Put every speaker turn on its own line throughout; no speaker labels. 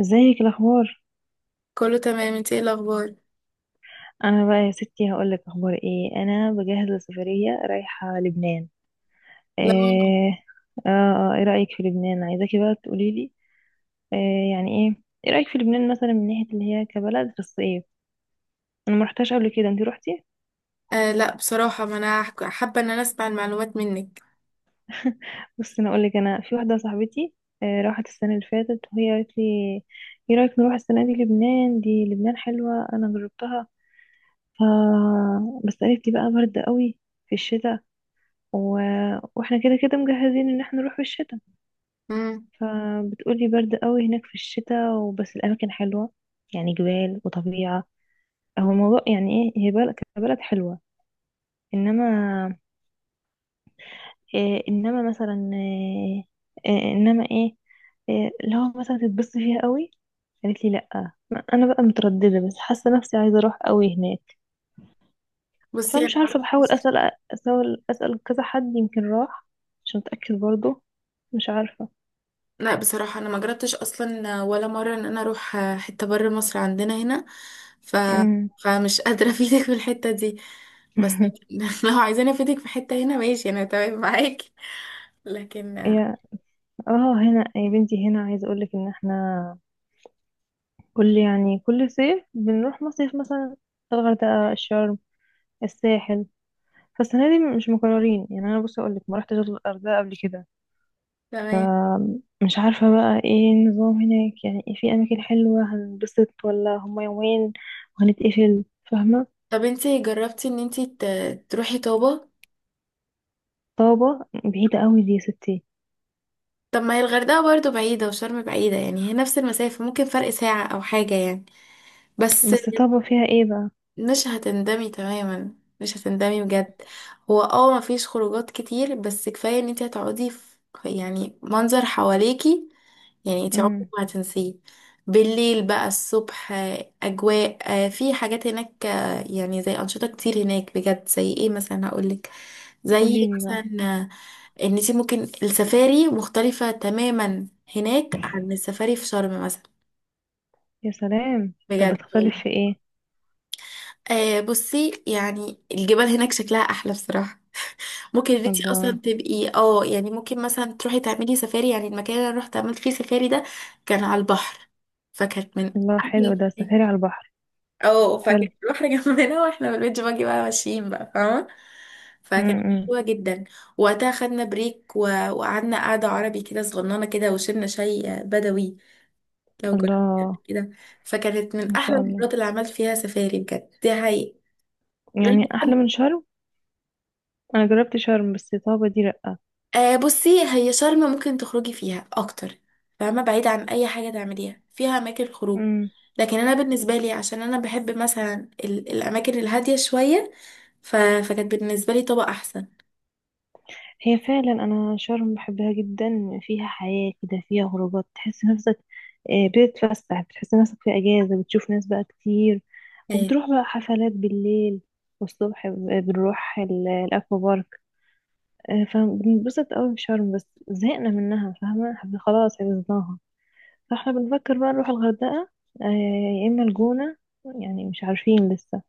ازيك الاخبار؟
كله تمام، انت ايه الاخبار؟
انا بقى يا ستي هقول لك اخبار ايه. انا بجهز لسفريه رايحه لبنان. ايه؟
لا.
ايه رايك في لبنان؟ عايزاكي بقى تقولي لي. إيه يعني ايه؟ ايه رايك في لبنان مثلا من ناحيه اللي هي كبلد في الصيف؟ انا ما رحتهاش قبل كده، انت روحتي؟
آه، لا بصراحه، ما انا هحك- حابه ان انا اسمع المعلومات منك.
بصي انا اقول لك، انا في واحده صاحبتي آه، راحت السنه اللي فاتت وهي قالت لي ايه رايك نروح السنه دي لبنان، دي لبنان حلوه انا جربتها. ف بس قالت لي بقى برد قوي في الشتاء و... واحنا كده كده مجهزين ان احنا نروح في الشتاء.
امم
فبتقولي برد قوي هناك في الشتاء، وبس الاماكن حلوه يعني جبال وطبيعه. هو الموضوع يعني ايه، هي بلد كبلد حلوه انما، إيه انما مثلا إيه؟ إيه انما ايه؟ إيه لو مثلا تتبسطي فيها قوي؟ قالت لي لا، انا بقى متردده بس حاسه نفسي عايزه اروح قوي هناك.
بصي،
فمش
انا ما
عارفه، بحاول
رحتش-
اسال. اسال كذا حد يمكن راح عشان اتاكد برضو. مش عارفه.
لا بصراحه انا ما جربتش اصلا ولا مره ان انا اروح حته بره مصر، عندنا هنا. ف
امم.
فمش قادره افيدك في الحته دي، بس لو عايزاني افيدك في حته هنا، ماشي، انا تمام معاكي. لكن آه،
يا اه هنا يا بنتي، هنا عايزه اقول لك ان احنا كل يعني كل صيف بنروح مصيف مثلا الغردقه، الشرم، الساحل. فالسنه دي مش مكررين، يعني انا بصي اقول لك ما رحتش الغردقه قبل كده.
تمام.
فمش عارفه بقى ايه النظام هناك، يعني إيه، في اماكن حلوه هنبسط، ولا هما يومين وهنتقفل؟ فاهمه؟
طب انت جربتي ان تروحي طابه؟
طابه بعيده قوي دي يا ستي.
طب ما هي الغردقه برضو بعيده، وشرم بعيده، يعني هي نفس المسافه، ممكن فرق ساعه او حاجه يعني. بس
بس طابه فيها ايه بقى؟
مش هتندمي تماما، مش هتندمي بجد. هو اه مفيش خروجات كتير، بس كفاية ان انت هتقعدي في يعني منظر حواليكي، يعني انت عمرك
امم.
ما هتنسيه. بالليل بقى، الصبح، آه، اجواء. آه، في حاجات هناك، آه، يعني زي انشطة كتير هناك بجد. زي ايه مثلا؟ هقولك زي
قولي لي بقى.
مثلا آه، ان انت ممكن السفاري مختلفة تماما هناك عن السفاري في شرم مثلا.
يا سلام، طب
بجد.
بتختلف في ايه؟
آه، بصي يعني الجبال هناك شكلها احلى بصراحه. ممكن ان انتي اصلا
الله.
تبقي اه يعني ممكن مثلا تروحي تعملي سفاري. يعني المكان اللي انا رحت عملت فيه سفاري ده كان على البحر، فكانت من
الله، حلو
احلى.
ده، سفاري على البحر.
اه، فكان
حلو.
البحر جنبنا واحنا بالبيت باجي بقى ماشيين بقى، فاهمه؟ فكانت
امم.
حلوه جدا. وقتها خدنا بريك، وقعدنا قعده عربي كده، صغننه كده، وشربنا شاي بدوي. لو
الله.
جربت كده، فكانت من
ما
احلى
شاء الله.
المرات اللي عملت فيها سفاري بجد، دي حقيقة.
يعني احلى من شرم؟ انا جربت شرم بس طابة دي لأ.
آه بصي، هي شرم ممكن تخرجي فيها اكتر، فاهمه، بعيد عن اي حاجه تعمليها، فيها اماكن خروج.
امم.
لكن انا بالنسبه لي، عشان انا بحب مثلا الاماكن الهاديه شويه، فكانت بالنسبه لي طبق احسن.
هي فعلا، انا شرم بحبها جدا، فيها حياة كده، فيها خروجات تحس نفسك آه، بتتفسح، بتحس نفسك في اجازة، بتشوف ناس بقى كتير،
آه،
وبتروح بقى حفلات بالليل. والصبح بنروح الاكوا بارك. آه، فبنبسط قوي في شرم بس زهقنا منها، فاهمة، خلاص عرفناها. فاحنا بنفكر بقى نروح الغردقة آه، يا إما الجونة. يعني مش عارفين لسه.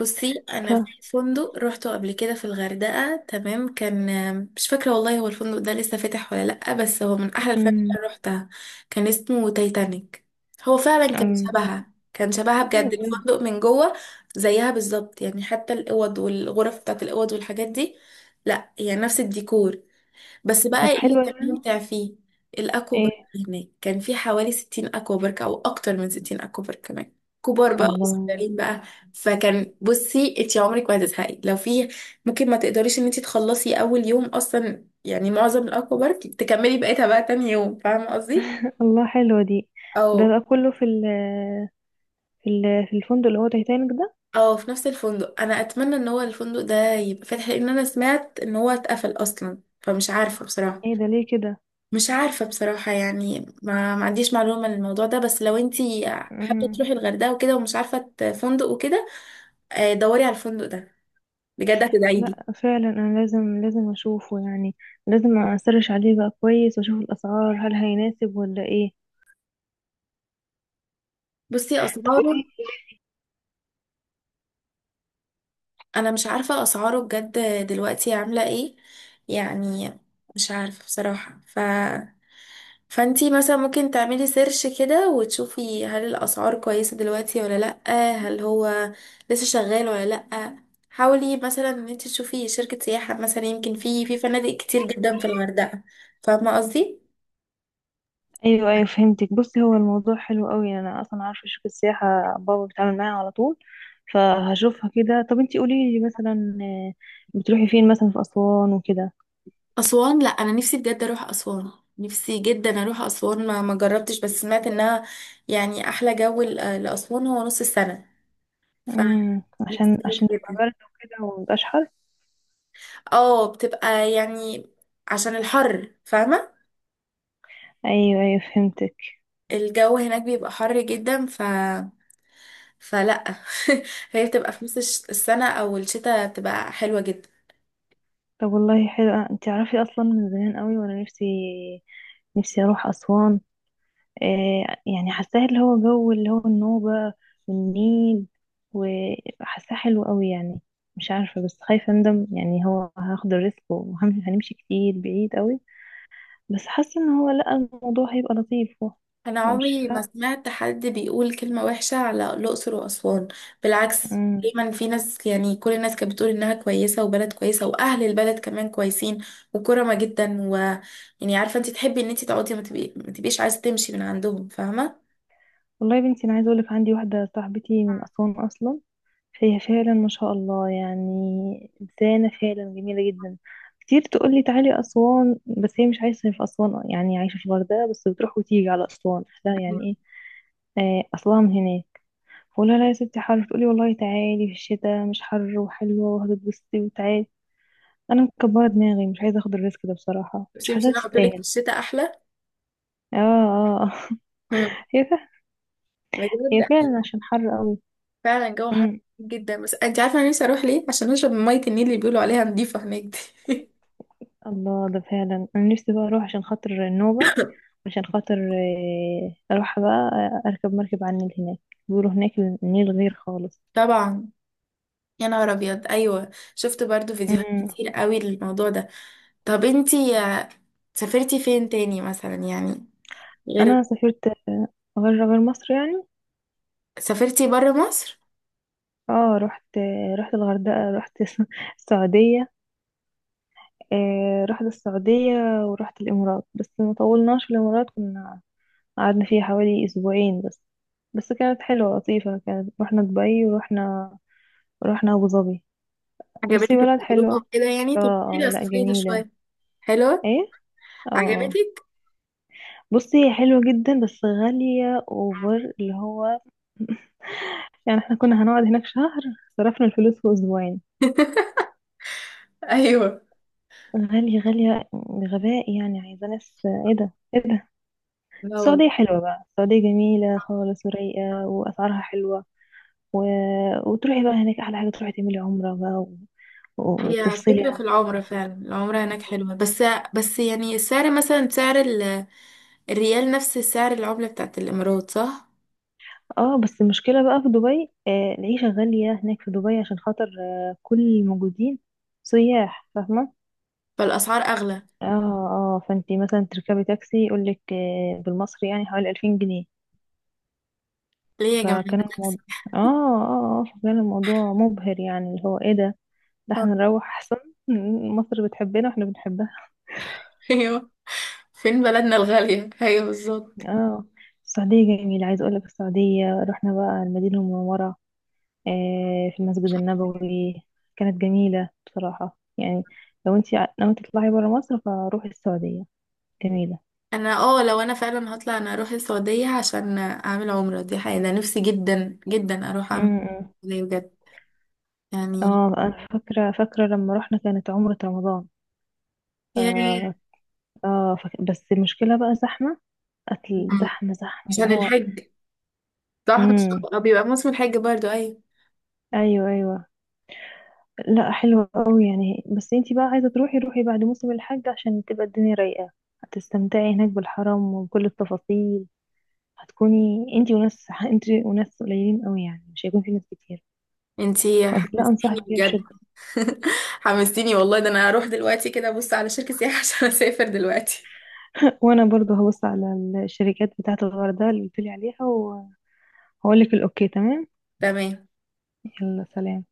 بصي
ف
انا في فندق روحته قبل كده في الغردقه، تمام كان. مش فاكره والله هو الفندق ده لسه فاتح ولا لا، بس هو من احلى الفنادق
امم.
اللي روحتها. كان اسمه تايتانيك. هو فعلا كان
أم.
شبهها، كان شبهها بجد
بجد.
الفندق من جوه، زيها بالظبط، يعني حتى الاوض والغرف بتاعت الاوض والحاجات دي. لا يعني نفس الديكور. بس بقى
طب
ايه اللي
حلوة
كان
يعني؟
ممتع فيه؟ الاكوا بارك.
ايه.
هناك كان في حوالي 60 اكوا بارك او اكتر من 60 اكوا بارك كمان، كبار بقى
الله.
وصغيرين بقى. فكان، بصي انت عمرك ما هتزهقي لو في، ممكن ما تقدريش ان انت تخلصي اول يوم اصلا، يعني معظم الاكوا بارك تكملي بقيتها بقى تاني يوم، فاهمه قصدي؟
الله، حلوة دي. ده
او
بقى كله في ال في ال في الفندق اللي هو تايتانيك ده؟
في نفس الفندق. انا اتمنى ان هو الفندق ده يبقى فاتح، لان انا سمعت ان هو اتقفل اصلا، فمش عارفه بصراحه.
ايه ده؟ ليه كده؟
مش عارفة بصراحة يعني ما عنديش معلومة عن الموضوع ده، بس لو انتي حابة
امم.
تروحي الغردقة وكده ومش عارفة فندق وكده، آه، دوري على الفندق ده بجد، هتدعي لي.
لا فعلا انا لازم لازم اشوفه يعني، لازم اسرش عليه بقى كويس واشوف الاسعار، هل هيناسب ولا ايه.
بصي
طب.
أسعاره، انا مش عارفة اسعاره بجد دلوقتي عاملة ايه يعني. مش عارفة بصراحة، فانتي مثلا ممكن تعملي سيرش كده وتشوفي هل الاسعار كويسة دلوقتي ولا لأ، هل هو لسه شغال ولا لأ. حاولي مثلا ان انتي تشوفي شركة سياحة مثلا، يمكن في فنادق كتير جدا في الغردقة، فاهمة قصدي؟
ايوه ايوه فهمتك. بصي هو الموضوع حلو قوي. انا اصلا عارفه شركه السياحه، بابا بيتعامل معايا على طول، فهشوفها كده. طب انتي قولي لي مثلا آه، بتروحي فين مثلا، في اسوان وكده؟
اسوان، لا انا نفسي بجد اروح اسوان، نفسي جدا اروح اسوان. ما جربتش بس سمعت انها يعني احلى جو لاسوان هو نص السنة،
امم.
فنفسي
عشان
اروح
عشان يبقى
جدا.
برد وكده ومبقاش حر.
اه بتبقى يعني عشان الحر، فاهمة؟
ايوه ايوه فهمتك.
الجو هناك بيبقى حر جدا، فلا هي بتبقى في نص السنة او الشتاء بتبقى حلوة جدا.
طب والله حلو. انتي عارفه اصلا من زمان قوي وانا نفسي نفسي اروح اسوان آه، يعني حاساه اللي هو جو اللي هو النوبة والنيل، وحاساه حلو قوي يعني. مش عارفة، بس خايفة اندم يعني، هو هاخد الريسك وهنمشي كتير بعيد قوي. بس حاسة ان هو لا، الموضوع هيبقى لطيف. هو
انا
هو مش
عمري
فا
ما سمعت حد بيقول كلمة وحشة على الاقصر واسوان، بالعكس
مم.
دايما في ناس، يعني كل الناس كانت بتقول انها كويسة وبلد كويسة، واهل البلد كمان كويسين وكرمة جدا، و يعني عارفة انت تحبي ان انت تقعدي، ما تبقيش عايزة تمشي من عندهم، فاهمة؟
والله يا بنتي، انا عايزة اقولك عندي واحدة صاحبتي من اسوان اصلا. هي فعلا ما شاء الله، يعني إنسانة فعلا جميلة جدا. كتير تقولي تعالي أسوان، بس هي مش عايشة في أسوان يعني، عايشة في الغردقة بس بتروح وتيجي على أسوان، لا يعني إيه آه، أصلها من هناك. فقولها لا يا ستي حر، تقولي والله تعالي في الشتاء مش حر وحلوة وهتتبسطي وتعالي. أنا مكبرة دماغي، مش عايزة أخد الريسك ده بصراحة، مش
بس مش
حاسة
انا قلت لك في
تستاهل.
الشتاء احلى؟
اه، اه، آه.
مم.
هي فعلا. هي
بجد.
فعلا عشان حر قوي.
فعلا جو حر
امم.
جدا. بس انت عارفه انا نفسي اروح ليه عشان اشرب من ميه النيل اللي بيقولوا عليها نضيفه هناك دي
الله، ده فعلا، أنا نفسي بقى أروح عشان خاطر النوبة، عشان خاطر آه، اروح بقى آه، اركب مركب على النيل هناك. بيقولوا هناك النيل غير خالص.
طبعا. يا نهار ابيض، ايوه شفت برضو فيديوهات
أمم.
كتير قوي للموضوع ده. طب انتي آه، سافرتي فين تاني مثلا يعني، غير.
انا سافرت آه، غير مصر يعني.
سافرتي بره مصر؟
اه، رحت آه، رحت الغردقة، رحت السعودية آه، رحت السعودية. ورحت الامارات، بس ما طولناش في الامارات، كنا قعدنا فيها حوالي اسبوعين بس. بس كانت حلوة لطيفة. كانت رحنا دبي، ورحنا ابو ظبي. بصي
عجبتك
بلد
التجربة
حلوة.
وكده يعني؟
اه
طب
اه
كده
لا
سافرتي
جميلة.
شوية. حلو.
ايه. اه، آه.
عجبتك؟
بصي هي حلوة جدا بس غالية اوفر اللي هو، يعني احنا كنا هنقعد هناك شهر، صرفنا الفلوس في اسبوعين.
ايوه.
غالية غالية بغباء، يعني عايزة ناس، ايه ده ايه ده.
لا.
السعودية حلوة بقى، السعودية جميلة خالص ورايقة واسعارها حلوة، و... وتروحي بقى هناك احلى حاجة، تروحي تعملي عمرة بقى
هي
وتفصلي
فكرة،
عن
في
الكلام
العمرة
كله.
فعلا العمرة هناك حلوة، بس بس يعني السعر مثلا، سعر الريال نفس سعر العملة بتاعت الإمارات، صح؟
اه بس المشكلة بقى في دبي آه، العيشة غالية هناك في دبي عشان خاطر آه كل الموجودين سياح، فاهمة.
فالأسعار أغلى.
اه اه، فانتي مثلا تركبي تاكسي يقولك آه، بالمصري يعني حوالي 2000 جنيه.
ليه يا جماعة ده
فكان
تاكسي؟
الموضوع اه فكان الموضوع مبهر يعني، اللي هو ايه ده، ده احنا نروح احسن. مصر بتحبنا واحنا بنحبها.
أيوه، فين بلدنا الغالية، أيوه بالظبط.
اه، السعودية جميلة، عايزة اقولك السعودية رحنا بقى المدينة المنورة آه في المسجد النبوي. كانت جميلة بصراحة يعني، لو انتي ناوية تطلعي برا مصر فروحي السعودية، جميلة.
أنا اه لو أنا فعلا هطلع، أنا أروح السعودية عشان أعمل عمرة، دي حقيقة، أنا نفسي جدا جدا أروح
م-
أعمل
م.
عمرة بجد يعني.
اه انا فاكرة فاكرة لما رحنا كانت عمرة رمضان.
يا ريت.
اه, آه، بس المشكلة بقى زحمة، قتل
أمم.
زحمة زحمة اللي
عشان
هو.
الحج، صح؟ مش
امم.
آه، بيبقى موسم الحج برضو، أيوه.
ايوه ايوه. لا حلوة قوي يعني، بس انتي بقى عايزة تروحي روحي بعد موسم الحج عشان تبقى الدنيا رايقة. هتستمتعي هناك بالحرم وبكل التفاصيل. هتكوني انتي وناس، انتي وناس قليلين قوي يعني، مش هيكون في ناس كتير.
انتي
لا
حمستيني
انصحك بيها
بجد.
بشدة.
حمستيني والله، ده انا هروح دلوقتي كده ابص على شركة سياحة عشان اسافر دلوقتي.
وانا برضو هبص على الشركات بتاعة الغردقة اللي قلتلي عليها، وهقولك الاوكي. تمام.
تمام.
يلا سلام.